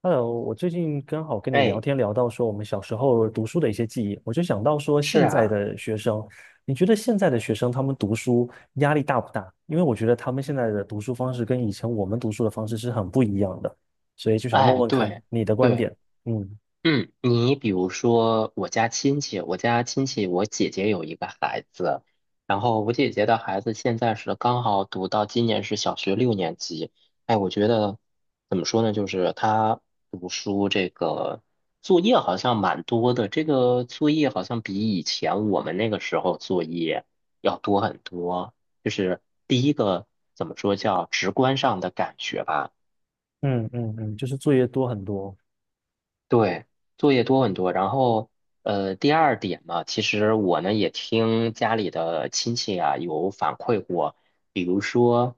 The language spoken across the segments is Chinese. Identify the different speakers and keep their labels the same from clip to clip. Speaker 1: Hello，我最近刚好跟你聊
Speaker 2: 哎，
Speaker 1: 天聊到说我们小时候读书的一些记忆，我就想到说
Speaker 2: 是
Speaker 1: 现在
Speaker 2: 啊，
Speaker 1: 的学生，你觉得现在的学生他们读书压力大不大？因为我觉得他们现在的读书方式跟以前我们读书的方式是很不一样的，所以就想问
Speaker 2: 哎，
Speaker 1: 问看
Speaker 2: 对，
Speaker 1: 你的观
Speaker 2: 对，
Speaker 1: 点。嗯
Speaker 2: 嗯，你比如说我家亲戚，我姐姐有一个孩子，然后我姐姐的孩子现在是刚好读到今年是小学6年级。哎，我觉得怎么说呢，就是他读书这个作业好像蛮多的，这个作业好像比以前我们那个时候作业要多很多，就是第一个怎么说叫直观上的感觉吧。
Speaker 1: 嗯嗯嗯，就是作业多很多，
Speaker 2: 对，作业多很多。然后，第二点嘛，其实我呢也听家里的亲戚啊有反馈过，比如说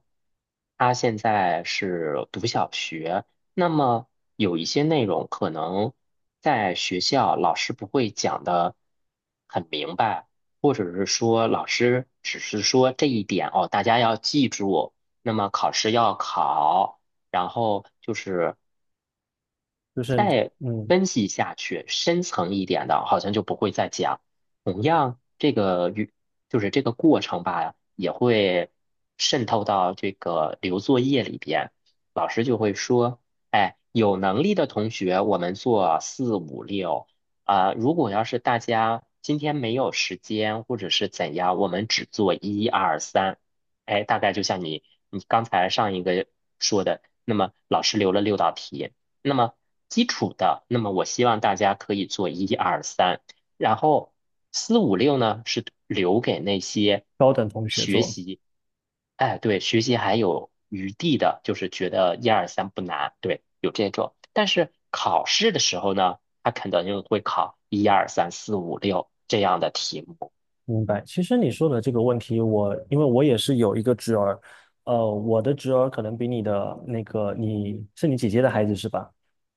Speaker 2: 他现在是读小学，那么有一些内容可能在学校老师不会讲的很明白，或者是说老师只是说这一点哦，大家要记住，那么考试要考。然后就是
Speaker 1: 就是
Speaker 2: 再
Speaker 1: 嗯
Speaker 2: 分析下去，深层一点的，好像就不会再讲。同样，这个与就是这个过程吧，也会渗透到这个留作业里边。老师就会说，哎，有能力的同学，我们做四五六啊，如果要是大家今天没有时间或者是怎样，我们只做一二三。哎，大概就像你刚才上一个说的，那么老师留了6道题。那么基础的，那么我希望大家可以做一二三，然后四五六呢是留给那些
Speaker 1: 高等同学
Speaker 2: 学
Speaker 1: 做。
Speaker 2: 习，哎，对，学习还有余地的，就是觉得一二三不难，对，有这种。但是考试的时候呢，他肯定会考一二三四五六这样的题目。
Speaker 1: 明白。其实你说的这个问题，我因为我也是有一个侄儿，我的侄儿可能比你的那个你姐姐的孩子是吧？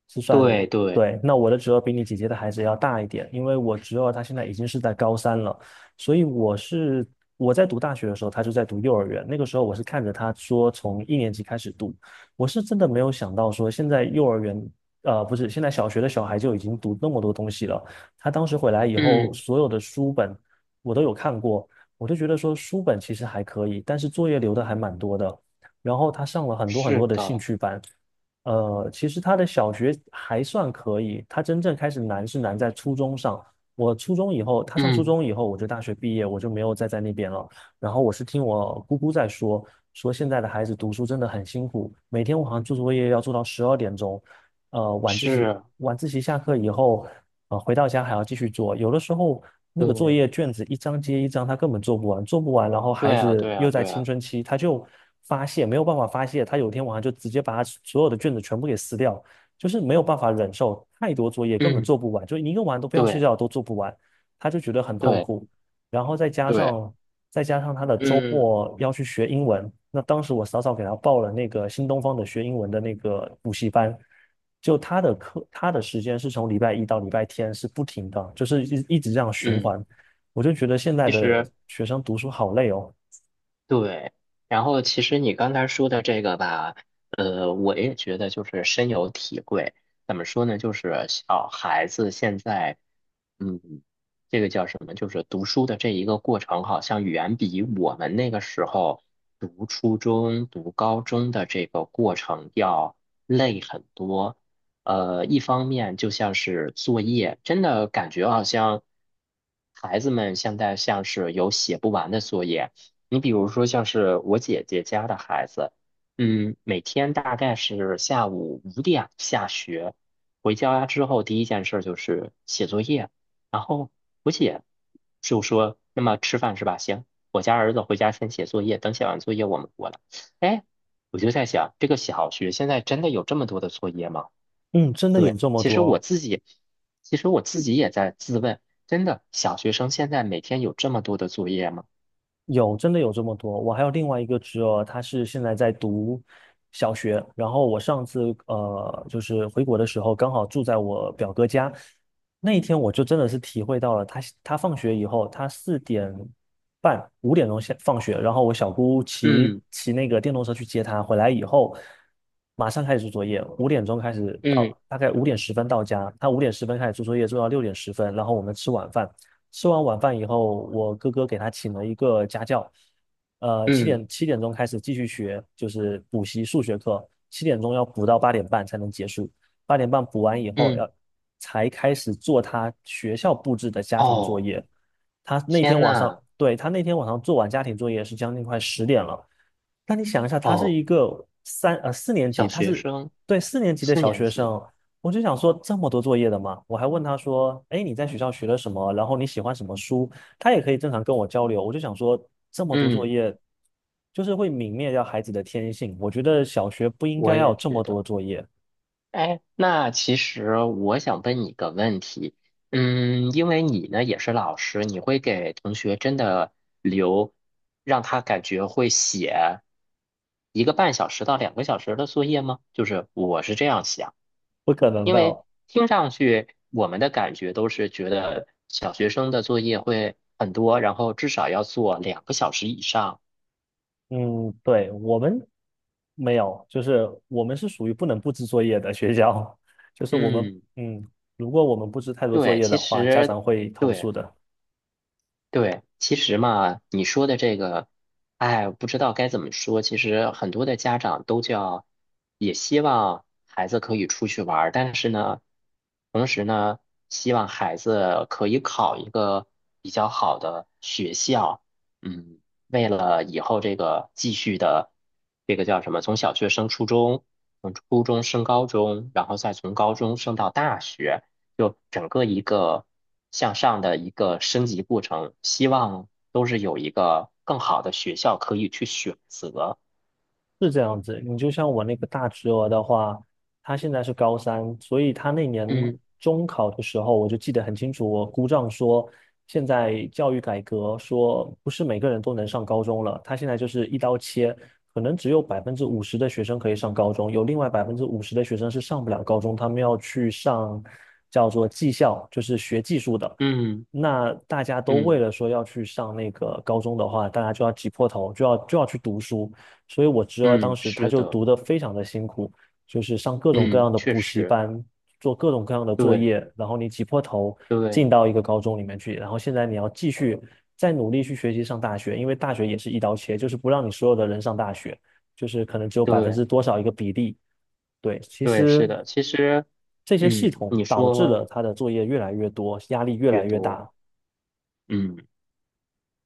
Speaker 1: 是算，
Speaker 2: 对对，
Speaker 1: 对，那我的侄儿比你姐姐的孩子要大一点，因为我侄儿他现在已经是在高三了，所以我在读大学的时候，他就在读幼儿园，那个时候我是看着他说从一年级开始读，我是真的没有想到说现在幼儿园。不是，现在小学的小孩就已经读那么多东西了。他当时回来以后，
Speaker 2: 嗯，
Speaker 1: 所有的书本我都有看过，我就觉得说书本其实还可以，但是作业留的还蛮多的。然后他上了很多很
Speaker 2: 是
Speaker 1: 多的兴
Speaker 2: 的，
Speaker 1: 趣班，其实他的小学还算可以，他真正开始难是难在初中上。我初中以后，他上初
Speaker 2: 嗯，
Speaker 1: 中以后，我就大学毕业，我就没有再在那边了。然后我是听我姑姑在说，说现在的孩子读书真的很辛苦，每天晚上做作业要做到12点钟，呃晚自习
Speaker 2: 是，
Speaker 1: 晚自习下课以后，回到家还要继续做，有的时候那个作
Speaker 2: 对，
Speaker 1: 业卷子一张接一张，他根本做不完，做不完，然后孩
Speaker 2: 对啊，
Speaker 1: 子
Speaker 2: 对啊，
Speaker 1: 又在
Speaker 2: 对
Speaker 1: 青
Speaker 2: 啊，
Speaker 1: 春期，他就发泄，没有办法发泄，他有一天晚上就直接把他所有的卷子全部给撕掉，就是没有办法忍受太多作业，根本
Speaker 2: 嗯，
Speaker 1: 做不完，就你一个晚上都不要睡
Speaker 2: 对
Speaker 1: 觉都做不完，他就觉得很痛
Speaker 2: 对
Speaker 1: 苦。然后
Speaker 2: 对。
Speaker 1: 再加上他的周
Speaker 2: 嗯
Speaker 1: 末要去学英文，那当时我早早给他报了那个新东方的学英文的那个补习班，就他的课他的时间是从礼拜一到礼拜天是不停的，就是一直这样循
Speaker 2: 嗯，
Speaker 1: 环，我就觉得现在
Speaker 2: 其
Speaker 1: 的
Speaker 2: 实
Speaker 1: 学生读书好累哦，
Speaker 2: 对，然后其实你刚才说的这个吧，我也觉得就是深有体会。怎么说呢？就是小孩子现在嗯，这个叫什么？就是读书的这一个过程，好像远比我们那个时候读初中、读高中的这个过程要累很多。一方面就像是作业，真的感觉好像孩子们现在像是有写不完的作业。你比如说，像是我姐姐家的孩子，嗯，每天大概是下午5点下学，回家之后第一件事就是写作业。然后我姐就说：“那么吃饭是吧？行，我家儿子回家先写作业，等写完作业我们过来。”哎，我就在想，这个小学现在真的有这么多的作业吗？
Speaker 1: 嗯，真的有
Speaker 2: 对，
Speaker 1: 这么
Speaker 2: 其实我
Speaker 1: 多。
Speaker 2: 自己，其实我自己也在自问，真的小学生现在每天有这么多的作业吗？
Speaker 1: 有，真的有这么多。我还有另外一个侄儿，他是现在在读小学。然后我上次就是回国的时候，刚好住在我表哥家。那一天我就真的是体会到了他，他放学以后，他4点半、五点钟下放学，然后我小姑
Speaker 2: 嗯
Speaker 1: 骑那个电动车去接他，回来以后马上开始做作业，五点钟开始
Speaker 2: 嗯
Speaker 1: 到，大概五点十分到家，他五点十分开始做作业，做到6点10分，然后我们吃晚饭。吃完晚饭以后，我哥哥给他请了一个家教，
Speaker 2: 嗯
Speaker 1: 七点钟开始继续学，就是补习数学课，七点钟要补到八点半才能结束。八点半补完以后，
Speaker 2: 嗯，
Speaker 1: 才开始做他学校布置的家庭作
Speaker 2: 哦，
Speaker 1: 业。他那天
Speaker 2: 天
Speaker 1: 晚上，
Speaker 2: 呐，
Speaker 1: 对，他那天晚上做完家庭作业是将近快10点了。那你想一下，他是
Speaker 2: 哦，
Speaker 1: 一个四年级，
Speaker 2: 小学生
Speaker 1: 对四年级的
Speaker 2: 四
Speaker 1: 小
Speaker 2: 年
Speaker 1: 学
Speaker 2: 级，
Speaker 1: 生，我就想说，这么多作业的吗？我还问他说："哎，你在学校学了什么？然后你喜欢什么书？"他也可以正常跟我交流。我就想说，这么多作
Speaker 2: 嗯，
Speaker 1: 业，就是会泯灭掉孩子的天性。我觉得小学不应
Speaker 2: 我
Speaker 1: 该要有
Speaker 2: 也
Speaker 1: 这
Speaker 2: 觉
Speaker 1: 么多
Speaker 2: 得。
Speaker 1: 作业，
Speaker 2: 哎，那其实我想问你一个问题，嗯，因为你呢也是老师，你会给同学真的留，让他感觉会写1个半小时到两个小时的作业吗？就是我是这样想，
Speaker 1: 不可能
Speaker 2: 因为
Speaker 1: 的。
Speaker 2: 听上去我们的感觉都是觉得小学生的作业会很多，然后至少要做两个小时以上。
Speaker 1: 嗯，对，我们没有，就是我们是属于不能布置作业的学校，就是我们，
Speaker 2: 嗯，
Speaker 1: 嗯，如果我们布置太多作
Speaker 2: 对，
Speaker 1: 业
Speaker 2: 其
Speaker 1: 的话，家
Speaker 2: 实
Speaker 1: 长会投
Speaker 2: 对。
Speaker 1: 诉的。
Speaker 2: 对，其实嘛，你说的这个，哎，不知道该怎么说。其实很多的家长都叫，也希望孩子可以出去玩儿，但是呢，同时呢，希望孩子可以考一个比较好的学校。嗯，为了以后这个继续的，这个叫什么？从小学升初中，从初中升高中，然后再从高中升到大学。就整个一个向上的一个升级过程，希望都是有一个更好的学校可以去选择。
Speaker 1: 是这样子，你就像我那个大侄儿的话，他现在是高三，所以他那年
Speaker 2: 嗯
Speaker 1: 中考的时候，我就记得很清楚，我姑丈说，现在教育改革说不是每个人都能上高中了，他现在就是一刀切，可能只有百分之五十的学生可以上高中，有另外百分之五十的学生是上不了高中，他们要去上叫做技校，就是学技术的。
Speaker 2: 嗯
Speaker 1: 那大家都为
Speaker 2: 嗯
Speaker 1: 了说要去上那个高中的话，大家就要挤破头，就要去读书。所以我侄儿当
Speaker 2: 嗯，
Speaker 1: 时他
Speaker 2: 是
Speaker 1: 就
Speaker 2: 的，
Speaker 1: 读得非常的辛苦，就是上各种各样
Speaker 2: 嗯，
Speaker 1: 的
Speaker 2: 确
Speaker 1: 补习
Speaker 2: 实，
Speaker 1: 班，做各种各样的作
Speaker 2: 对
Speaker 1: 业，然后你挤破头
Speaker 2: 对
Speaker 1: 进到一个高中里面去，然后现在你要继续再努力去学习上大学，因为大学也是一刀切，就是不让你所有的人上大学，就是可能只有百分
Speaker 2: 对
Speaker 1: 之多少一个比例。对，其
Speaker 2: 对，是
Speaker 1: 实
Speaker 2: 的。其实，
Speaker 1: 这些系
Speaker 2: 嗯，
Speaker 1: 统
Speaker 2: 你
Speaker 1: 导致了
Speaker 2: 说
Speaker 1: 他的作业越来越多，压力越
Speaker 2: 越
Speaker 1: 来越
Speaker 2: 多，
Speaker 1: 大，
Speaker 2: 嗯。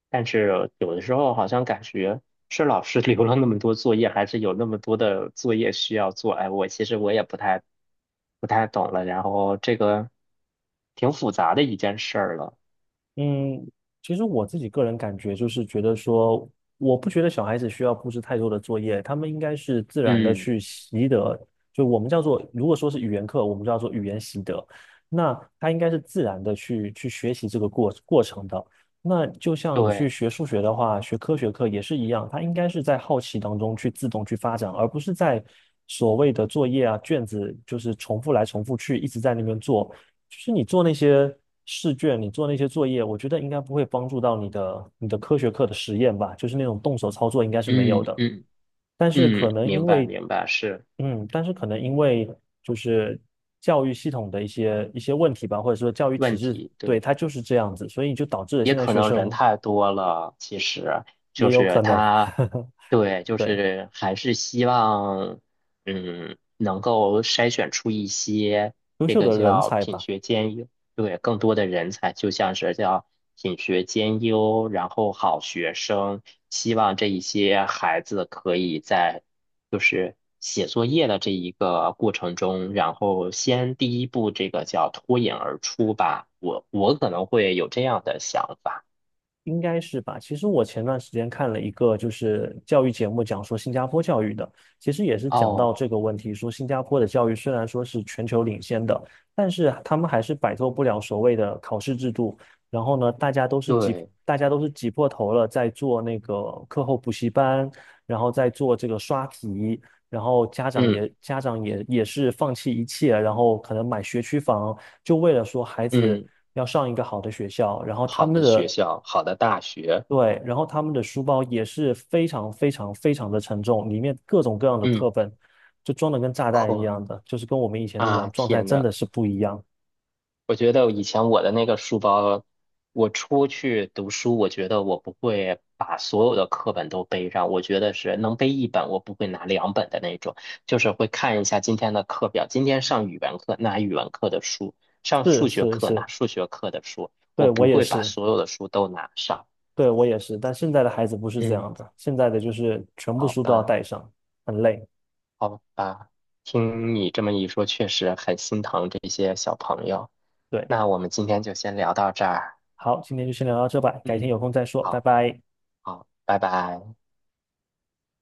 Speaker 2: 但是有的时候好像感觉是老师留了那么多作业，还是有那么多的作业需要做。哎，我其实我也不太懂了。然后这个挺复杂的一件事儿了。
Speaker 1: 嗯，其实我自己个人感觉就是觉得说，我不觉得小孩子需要布置太多的作业，他们应该是自然的
Speaker 2: 嗯，
Speaker 1: 去习得。就我们叫做，如果说是语言课，我们叫做语言习得，那他应该是自然的去学习这个过程的。那就像你去
Speaker 2: 对，
Speaker 1: 学数学的话，学科学课也是一样，他应该是在好奇当中去自动去发展，而不是在所谓的作业啊、卷子，就是重复来重复去，一直在那边做。就是你做那些试卷，你做那些作业，我觉得应该不会帮助到你的科学课的实验吧，就是那种动手操作应该是没有
Speaker 2: 嗯
Speaker 1: 的。
Speaker 2: 嗯
Speaker 1: 但是可
Speaker 2: 嗯，
Speaker 1: 能
Speaker 2: 明
Speaker 1: 因
Speaker 2: 白
Speaker 1: 为，
Speaker 2: 明白，是
Speaker 1: 嗯，但是可能因为就是教育系统的一些问题吧，或者说教育体
Speaker 2: 问
Speaker 1: 制，
Speaker 2: 题，
Speaker 1: 对，
Speaker 2: 对。
Speaker 1: 它就是这样子，所以就导致了
Speaker 2: 也
Speaker 1: 现在
Speaker 2: 可
Speaker 1: 学
Speaker 2: 能人
Speaker 1: 生
Speaker 2: 太多了，其实
Speaker 1: 也
Speaker 2: 就
Speaker 1: 有可
Speaker 2: 是
Speaker 1: 能，
Speaker 2: 他，对，就
Speaker 1: 对，
Speaker 2: 是还是希望，嗯，能够筛选出一些
Speaker 1: 优
Speaker 2: 这
Speaker 1: 秀
Speaker 2: 个
Speaker 1: 的人
Speaker 2: 叫
Speaker 1: 才
Speaker 2: 品
Speaker 1: 吧。
Speaker 2: 学兼优，对，更多的人才，就像是叫品学兼优，然后好学生，希望这一些孩子可以在就是写作业的这一个过程中，然后先第一步这个叫脱颖而出吧，我可能会有这样的想法。
Speaker 1: 应该是吧。其实我前段时间看了一个就是教育节目，讲说新加坡教育的，其实也是讲到
Speaker 2: 哦，
Speaker 1: 这个问题，说新加坡的教育虽然说是全球领先的，但是他们还是摆脱不了所谓的考试制度。然后呢，大家都是挤，
Speaker 2: 对，
Speaker 1: 大家都是挤破头了，在做那个课后补习班，然后在做这个刷题，然后家长
Speaker 2: 嗯
Speaker 1: 也家长也也是放弃一切，然后可能买学区房，就为了说孩子
Speaker 2: 嗯，
Speaker 1: 要上一个好的学校，然后他
Speaker 2: 好
Speaker 1: 们
Speaker 2: 的学
Speaker 1: 的
Speaker 2: 校，好的大学，
Speaker 1: 对，然后他们的书包也是非常非常非常的沉重，里面各种各样的课
Speaker 2: 嗯，
Speaker 1: 本就装的跟炸弹一
Speaker 2: 呵
Speaker 1: 样的，就是跟我们以前那种
Speaker 2: 啊，
Speaker 1: 状态
Speaker 2: 天
Speaker 1: 真的
Speaker 2: 呐，
Speaker 1: 是不一样。
Speaker 2: 我觉得以前我的那个书包，我出去读书，我觉得我不会把所有的课本都背上，我觉得是能背一本，我不会拿两本的那种，就是会看一下今天的课表，今天上语文课拿语文课的书，上
Speaker 1: 是
Speaker 2: 数学
Speaker 1: 是
Speaker 2: 课
Speaker 1: 是，
Speaker 2: 拿数学课的书，我
Speaker 1: 对，我
Speaker 2: 不
Speaker 1: 也
Speaker 2: 会把
Speaker 1: 是，
Speaker 2: 所有的书都拿上。
Speaker 1: 对，我也是，但现在的孩子不是这
Speaker 2: 嗯，
Speaker 1: 样的，现在的就是全部
Speaker 2: 好
Speaker 1: 书都要
Speaker 2: 吧，
Speaker 1: 带上，很累。
Speaker 2: 好吧，听你这么一说，确实很心疼这些小朋友。
Speaker 1: 对，
Speaker 2: 那我们今天就先聊到这儿。
Speaker 1: 好，今天就先聊到这吧，改天
Speaker 2: 嗯。
Speaker 1: 有空再说，拜
Speaker 2: 好。
Speaker 1: 拜。
Speaker 2: 好，拜拜。